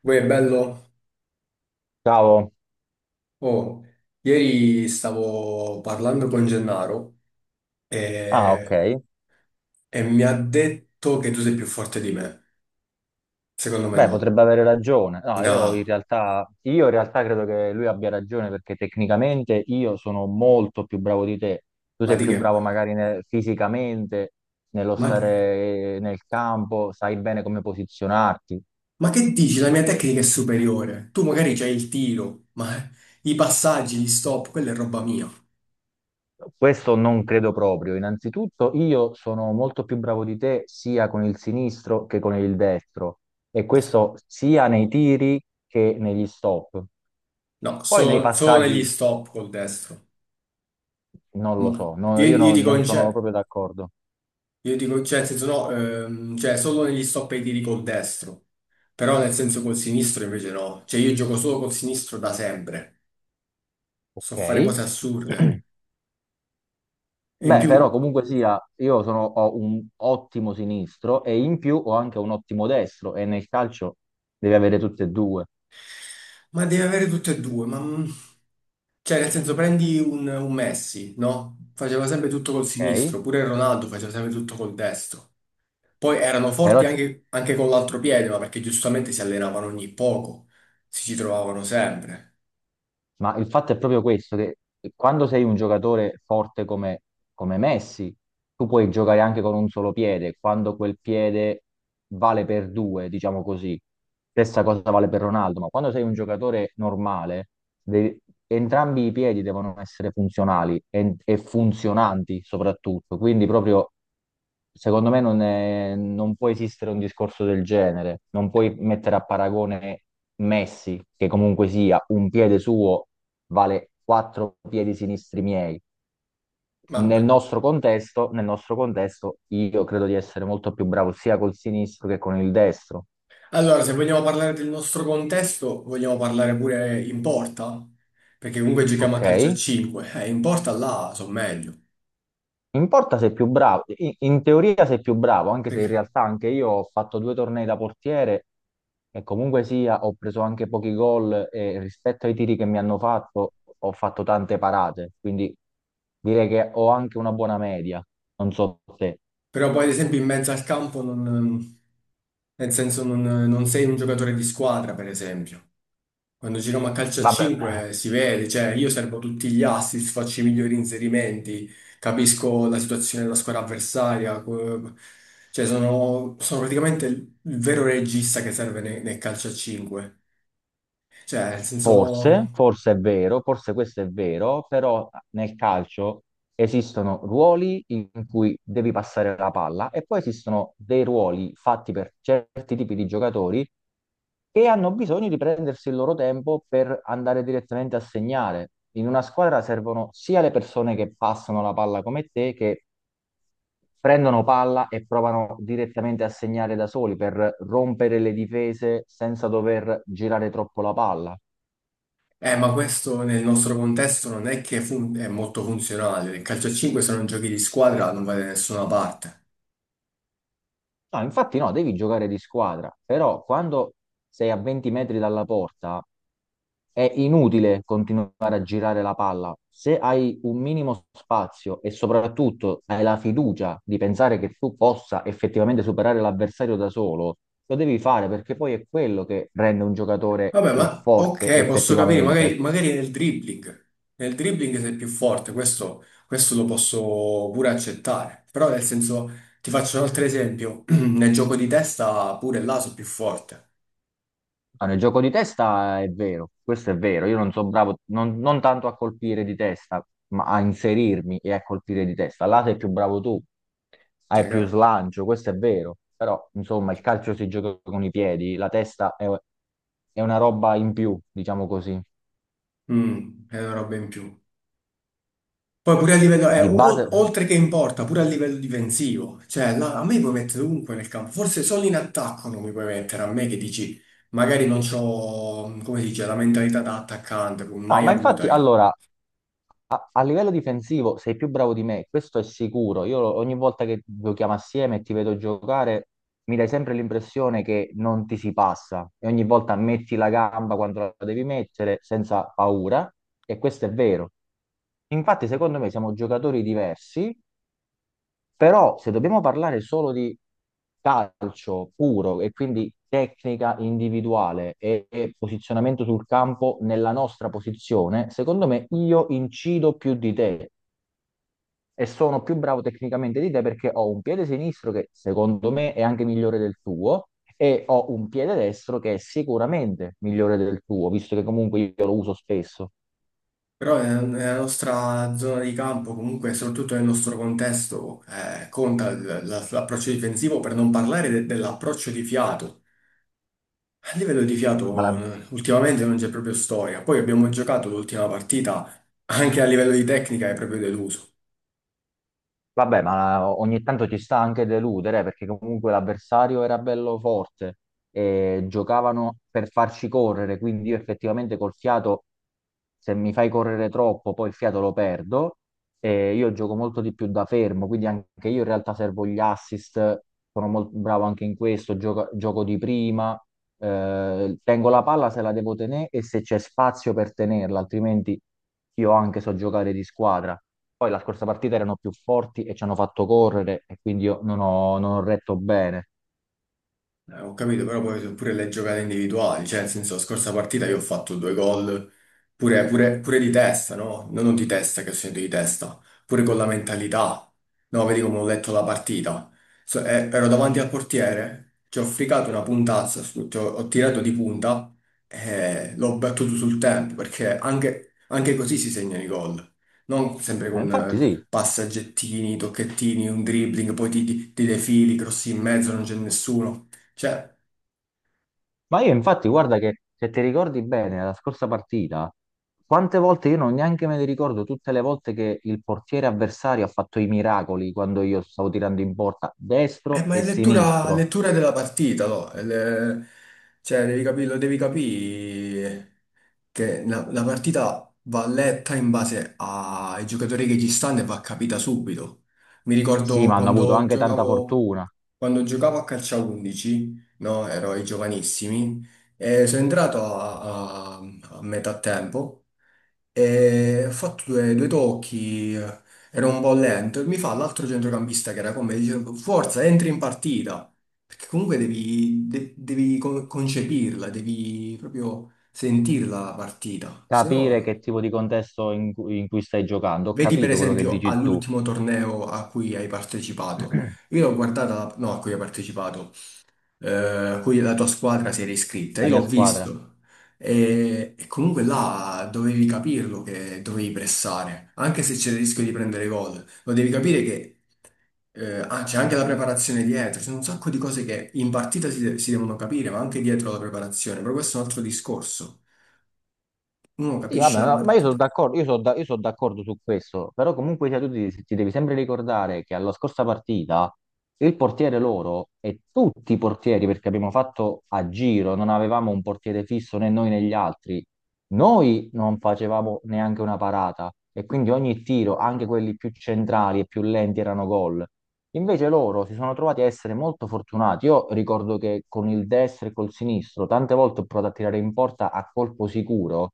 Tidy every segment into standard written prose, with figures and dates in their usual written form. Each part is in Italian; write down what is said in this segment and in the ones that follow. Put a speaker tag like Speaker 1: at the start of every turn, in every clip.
Speaker 1: Poi è bello?
Speaker 2: Ciao.
Speaker 1: Oh, ieri stavo parlando con Gennaro
Speaker 2: Ah, ok.
Speaker 1: e, e mi ha detto che tu sei più forte di me. Secondo me
Speaker 2: Beh,
Speaker 1: no.
Speaker 2: potrebbe avere ragione. No, io in
Speaker 1: No,
Speaker 2: realtà, io in realtà credo che lui abbia ragione perché tecnicamente io sono molto più bravo di te. Tu
Speaker 1: ma
Speaker 2: sei
Speaker 1: di
Speaker 2: più
Speaker 1: che
Speaker 2: bravo
Speaker 1: parli?
Speaker 2: magari fisicamente, nello
Speaker 1: Ma, che-
Speaker 2: stare nel campo, sai bene come posizionarti.
Speaker 1: ma che dici? La mia tecnica è superiore. Tu magari c'hai il tiro, ma i passaggi, gli stop, quella è roba mia.
Speaker 2: Questo non credo proprio. Innanzitutto, io sono molto più bravo di te sia con il sinistro che con il destro, e
Speaker 1: Eh,
Speaker 2: questo sia nei tiri che negli stop.
Speaker 1: No,
Speaker 2: Poi nei
Speaker 1: solo negli
Speaker 2: passaggi.
Speaker 1: stop col destro.
Speaker 2: Non lo
Speaker 1: Ma
Speaker 2: so, no,
Speaker 1: io,
Speaker 2: io
Speaker 1: io
Speaker 2: no-
Speaker 1: dico
Speaker 2: non
Speaker 1: in
Speaker 2: sono
Speaker 1: cioè,
Speaker 2: proprio d'accordo.
Speaker 1: io dico, cioè, nel senso no, cioè solo negli stop e i tiri col destro. Però nel senso col sinistro invece no. Cioè io gioco solo col sinistro da sempre. So fare cose
Speaker 2: Ok.
Speaker 1: assurde. E in
Speaker 2: Beh, però
Speaker 1: più,
Speaker 2: comunque sia, ho un ottimo sinistro e in più ho anche un ottimo destro e nel calcio devi avere tutte e due,
Speaker 1: ma deve avere tutte e due. Cioè nel senso prendi un Messi, no? Faceva sempre tutto col
Speaker 2: ok?
Speaker 1: sinistro. Pure il Ronaldo faceva sempre tutto col destro. Poi erano
Speaker 2: Però,
Speaker 1: forti anche con l'altro piede, ma perché giustamente si allenavano ogni poco. Si ci trovavano sempre.
Speaker 2: ma il fatto è proprio questo, che quando sei un giocatore forte come Messi, tu puoi giocare anche con un solo piede, quando quel piede vale per due, diciamo così. Stessa cosa vale per Ronaldo, ma quando sei un giocatore normale, devi- entrambi i piedi devono essere funzionali e funzionanti soprattutto. Quindi proprio secondo me non può esistere un discorso del genere, non puoi mettere a paragone Messi, che comunque sia un piede suo vale quattro piedi sinistri miei.
Speaker 1: Vabbè.
Speaker 2: Nel nostro contesto, io credo di essere molto più bravo sia col sinistro che con il destro,
Speaker 1: Allora, se vogliamo parlare del nostro contesto, vogliamo parlare pure in porta? Perché comunque giochiamo a
Speaker 2: ok?
Speaker 1: calcio a 5. In porta là sono meglio.
Speaker 2: In porta sei più bravo, in teoria sei più bravo, anche se in
Speaker 1: Perché-
Speaker 2: realtà anche io ho fatto due tornei da portiere e comunque sia ho preso anche pochi gol e rispetto ai tiri che mi hanno fatto ho fatto tante parate, quindi direi che ho anche una buona media, non so te.
Speaker 1: Però poi, ad esempio, in mezzo al campo non... Nel senso, non sei un giocatore di squadra, per esempio. Quando giriamo a calcio a
Speaker 2: Vabbè,
Speaker 1: 5 si vede, cioè io servo tutti gli assist, faccio i migliori inserimenti, capisco la situazione della squadra avversaria, cioè sono praticamente il vero regista che serve nel calcio a 5. Cioè, nel
Speaker 2: Forse,
Speaker 1: senso...
Speaker 2: forse è vero, forse questo è vero, però nel calcio esistono ruoli in cui devi passare la palla e poi esistono dei ruoli fatti per certi tipi di giocatori che hanno bisogno di prendersi il loro tempo per andare direttamente a segnare. In una squadra servono sia le persone che passano la palla come te, che prendono palla e provano direttamente a segnare da soli per rompere le difese senza dover girare troppo la palla.
Speaker 1: Ma questo nel nostro contesto non è che è molto funzionale. Il calcio a 5 se non giochi di squadra non va da nessuna parte.
Speaker 2: No, infatti no, devi giocare di squadra, però quando sei a 20 metri dalla porta è inutile continuare a girare la palla. Se hai un minimo spazio e soprattutto hai la fiducia di pensare che tu possa effettivamente superare l'avversario da solo, lo devi fare perché poi è quello che rende un giocatore
Speaker 1: Vabbè,
Speaker 2: più
Speaker 1: ma
Speaker 2: forte
Speaker 1: ok, posso capire,
Speaker 2: effettivamente.
Speaker 1: magari nel dribbling. Nel dribbling sei più forte, questo lo posso pure accettare. Però nel senso, ti faccio un altro esempio, nel gioco di testa pure là sono più forte.
Speaker 2: Ah, nel gioco di testa è vero, questo è vero. Io non sono bravo non tanto a colpire di testa, ma a inserirmi e a colpire di testa. Là sei più bravo tu, hai
Speaker 1: Cioè,
Speaker 2: più
Speaker 1: che-
Speaker 2: slancio, questo è vero. Però, insomma, il calcio si gioca con i piedi, la testa è una roba in più, diciamo così.
Speaker 1: è una roba in più. Poi pure a livello,
Speaker 2: Di base.
Speaker 1: oltre che in porta, pure a livello difensivo, cioè là, a me puoi mettere ovunque nel campo, forse solo in attacco non mi puoi mettere, a me che dici, magari non c'ho, come si dice, la mentalità da attaccante, come
Speaker 2: No,
Speaker 1: mai
Speaker 2: ma
Speaker 1: avuta
Speaker 2: infatti,
Speaker 1: io.
Speaker 2: allora, a livello difensivo sei più bravo di me, questo è sicuro. Io ogni volta che giochiamo assieme e ti vedo giocare, mi dai sempre l'impressione che non ti si passa e ogni volta metti la gamba quando la devi mettere senza paura e questo è vero. Infatti, secondo me siamo giocatori diversi però se dobbiamo parlare solo di calcio puro e quindi tecnica individuale e posizionamento sul campo nella nostra posizione, secondo me io incido più di te e sono più bravo tecnicamente di te perché ho un piede sinistro che secondo me è anche migliore del tuo e ho un piede destro che è sicuramente migliore del tuo, visto che comunque io lo uso spesso.
Speaker 1: Però nella nostra zona di campo, comunque, soprattutto nel nostro contesto, conta l'approccio difensivo, per non parlare dell'approccio di fiato. A livello di
Speaker 2: Ma
Speaker 1: fiato,
Speaker 2: la-
Speaker 1: ultimamente non c'è proprio storia, poi abbiamo giocato l'ultima partita, anche a livello di tecnica è proprio deluso.
Speaker 2: Vabbè, ma ogni tanto ci sta anche deludere perché comunque l'avversario era bello forte e giocavano per farci correre, quindi io effettivamente col fiato, se mi fai correre troppo, poi il fiato lo perdo e io gioco molto di più da fermo, quindi anche io in realtà servo gli assist, sono molto bravo anche in questo, gioco di prima, tengo la palla se la devo tenere e se c'è spazio per tenerla, altrimenti io anche so giocare di squadra. Poi la scorsa partita erano più forti e ci hanno fatto correre e quindi io non ho, non ho retto bene.
Speaker 1: Ho capito, però poi pure le giocate individuali, cioè nel senso, la scorsa partita io ho fatto due gol, pure di testa, no? No, non di testa, che ho segnato di testa, pure con la mentalità. No, vedi come ho letto la partita. Ero davanti al portiere, ci ho fricato una puntazza, ho tirato di punta e l'ho battuto sul tempo, perché anche così si segnano i gol. Non sempre con
Speaker 2: Infatti sì,
Speaker 1: passaggettini, tocchettini, un dribbling, poi ti defili, crossi in mezzo, non c'è nessuno. Cioè,
Speaker 2: ma io infatti guarda che se ti ricordi bene la scorsa partita, quante volte io non neanche me ne ricordo tutte le volte che il portiere avversario ha fatto i miracoli quando io stavo tirando in porta destro
Speaker 1: ma
Speaker 2: e
Speaker 1: è lettura,
Speaker 2: sinistro.
Speaker 1: lettura della partita, no? Cioè, devi capirlo, devi capire che la partita va letta in base ai giocatori che ci stanno e va capita subito. Mi
Speaker 2: Sì,
Speaker 1: ricordo
Speaker 2: ma hanno avuto anche tanta fortuna.
Speaker 1: quando giocavo a calcio a 11, no? Ero ai giovanissimi e sono entrato a metà tempo. E ho fatto due tocchi, ero un po' lento, e mi fa l'altro centrocampista che era con me, dice, forza, entri in partita, perché comunque devi concepirla, devi proprio sentirla la partita, se
Speaker 2: Capire
Speaker 1: no,
Speaker 2: che tipo di contesto in cui stai giocando, ho
Speaker 1: vedi per
Speaker 2: capito quello che
Speaker 1: esempio
Speaker 2: dici tu,
Speaker 1: all'ultimo torneo a cui hai partecipato, io l'ho guardata, no, a cui hai partecipato, a cui la tua squadra si era iscritta.
Speaker 2: la
Speaker 1: Io
Speaker 2: mia
Speaker 1: l'ho
Speaker 2: squadra.
Speaker 1: visto e comunque là dovevi capirlo che dovevi pressare, anche se c'era il rischio di prendere gol. Lo devi capire che c'è anche la preparazione dietro, ci sono un sacco di cose che in partita si devono capire, ma anche dietro la preparazione, però questo è un altro discorso. Uno
Speaker 2: Sì, vabbè,
Speaker 1: capisce la
Speaker 2: no, ma io sono
Speaker 1: partita.
Speaker 2: d'accordo, io sono d'accordo su questo, però comunque sia, ti devi sempre ricordare che alla scorsa partita il portiere loro e tutti i portieri, perché abbiamo fatto a giro, non avevamo un portiere fisso né noi né gli altri, noi non facevamo neanche una parata e quindi ogni tiro, anche quelli più centrali e più lenti, erano gol. Invece loro si sono trovati a essere molto fortunati. Io ricordo che con il destro e col sinistro tante volte ho provato a tirare in porta a colpo sicuro.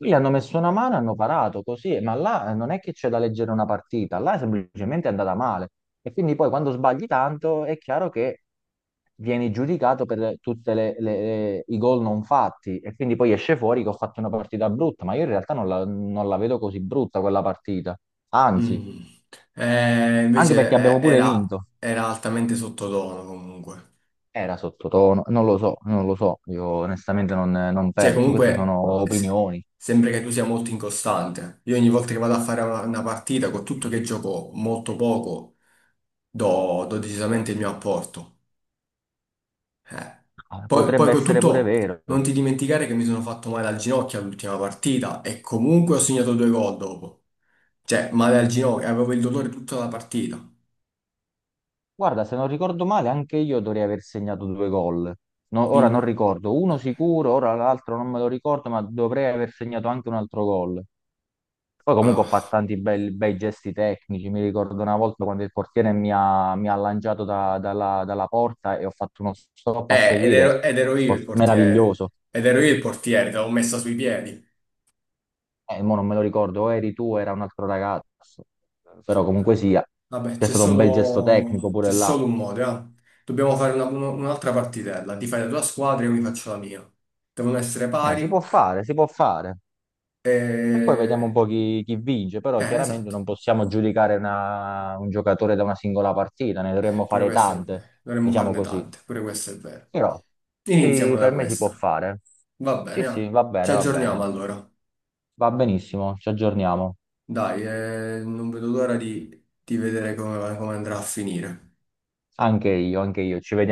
Speaker 2: Lì hanno messo una mano, hanno parato così, ma là non è che c'è da leggere una partita, là è semplicemente andata male. E quindi poi quando sbagli tanto è chiaro che vieni giudicato per tutti i gol non fatti e quindi poi esce fuori che ho fatto una partita brutta, ma io in realtà non la vedo così brutta quella partita. Anzi,
Speaker 1: Mm. Eh,
Speaker 2: anche
Speaker 1: invece
Speaker 2: perché abbiamo pure vinto.
Speaker 1: era altamente sottotono comunque.
Speaker 2: Era sottotono, non lo so, non lo so, io onestamente non
Speaker 1: Cioè,
Speaker 2: penso, queste
Speaker 1: comunque,
Speaker 2: sono opinioni.
Speaker 1: sembra che tu sia molto incostante. Io ogni volta che vado a fare una partita, con tutto che gioco molto poco, do decisamente il mio apporto. Eh.
Speaker 2: Ah,
Speaker 1: Poi
Speaker 2: potrebbe
Speaker 1: con
Speaker 2: essere pure
Speaker 1: tutto,
Speaker 2: vero.
Speaker 1: non ti dimenticare che mi sono fatto male al ginocchio all'ultima partita e comunque ho segnato due gol dopo. Cioè, male al ginocchio, avevo il dolore tutta la partita.
Speaker 2: Guarda, se non ricordo male, anche io dovrei aver segnato due gol. No, ora
Speaker 1: Sì.
Speaker 2: non ricordo, uno sicuro, ora l'altro non me lo ricordo, ma dovrei aver segnato anche un altro gol. Poi comunque ho fatto
Speaker 1: Ah.
Speaker 2: tanti bei gesti tecnici, mi ricordo una volta quando il portiere mi ha lanciato dalla porta e ho fatto uno stop a seguire,
Speaker 1: Ed ero io il portiere.
Speaker 2: meraviglioso.
Speaker 1: Ed ero io il portiere, te l'avevo messa sui piedi.
Speaker 2: Mo non me lo ricordo, o eri tu o era un altro ragazzo, però comunque sia,
Speaker 1: Vabbè,
Speaker 2: c'è stato un bel gesto tecnico
Speaker 1: c'è
Speaker 2: pure là.
Speaker 1: solo un modo, eh. Dobbiamo fare un'altra partitella. Ti fai la tua squadra e io mi faccio la mia. Devono essere pari
Speaker 2: Si può fare, si può fare. E poi vediamo un
Speaker 1: e...
Speaker 2: po' chi vince, però chiaramente
Speaker 1: Esatto.
Speaker 2: non possiamo giudicare un giocatore da una singola partita, ne dovremmo
Speaker 1: Pure
Speaker 2: fare
Speaker 1: questo è vero.
Speaker 2: tante,
Speaker 1: Dovremmo
Speaker 2: diciamo
Speaker 1: farne
Speaker 2: così.
Speaker 1: tante, pure questo è vero.
Speaker 2: Però
Speaker 1: Iniziamo
Speaker 2: sì,
Speaker 1: da
Speaker 2: per me si può
Speaker 1: questa.
Speaker 2: fare.
Speaker 1: Va bene,
Speaker 2: Sì,
Speaker 1: eh.
Speaker 2: sì, va
Speaker 1: Ci
Speaker 2: bene, va
Speaker 1: aggiorniamo
Speaker 2: bene.
Speaker 1: allora.
Speaker 2: Va benissimo, ci aggiorniamo.
Speaker 1: Dai, non vedo l'ora di vedere come andrà a finire.
Speaker 2: Anche io, ci vediamo.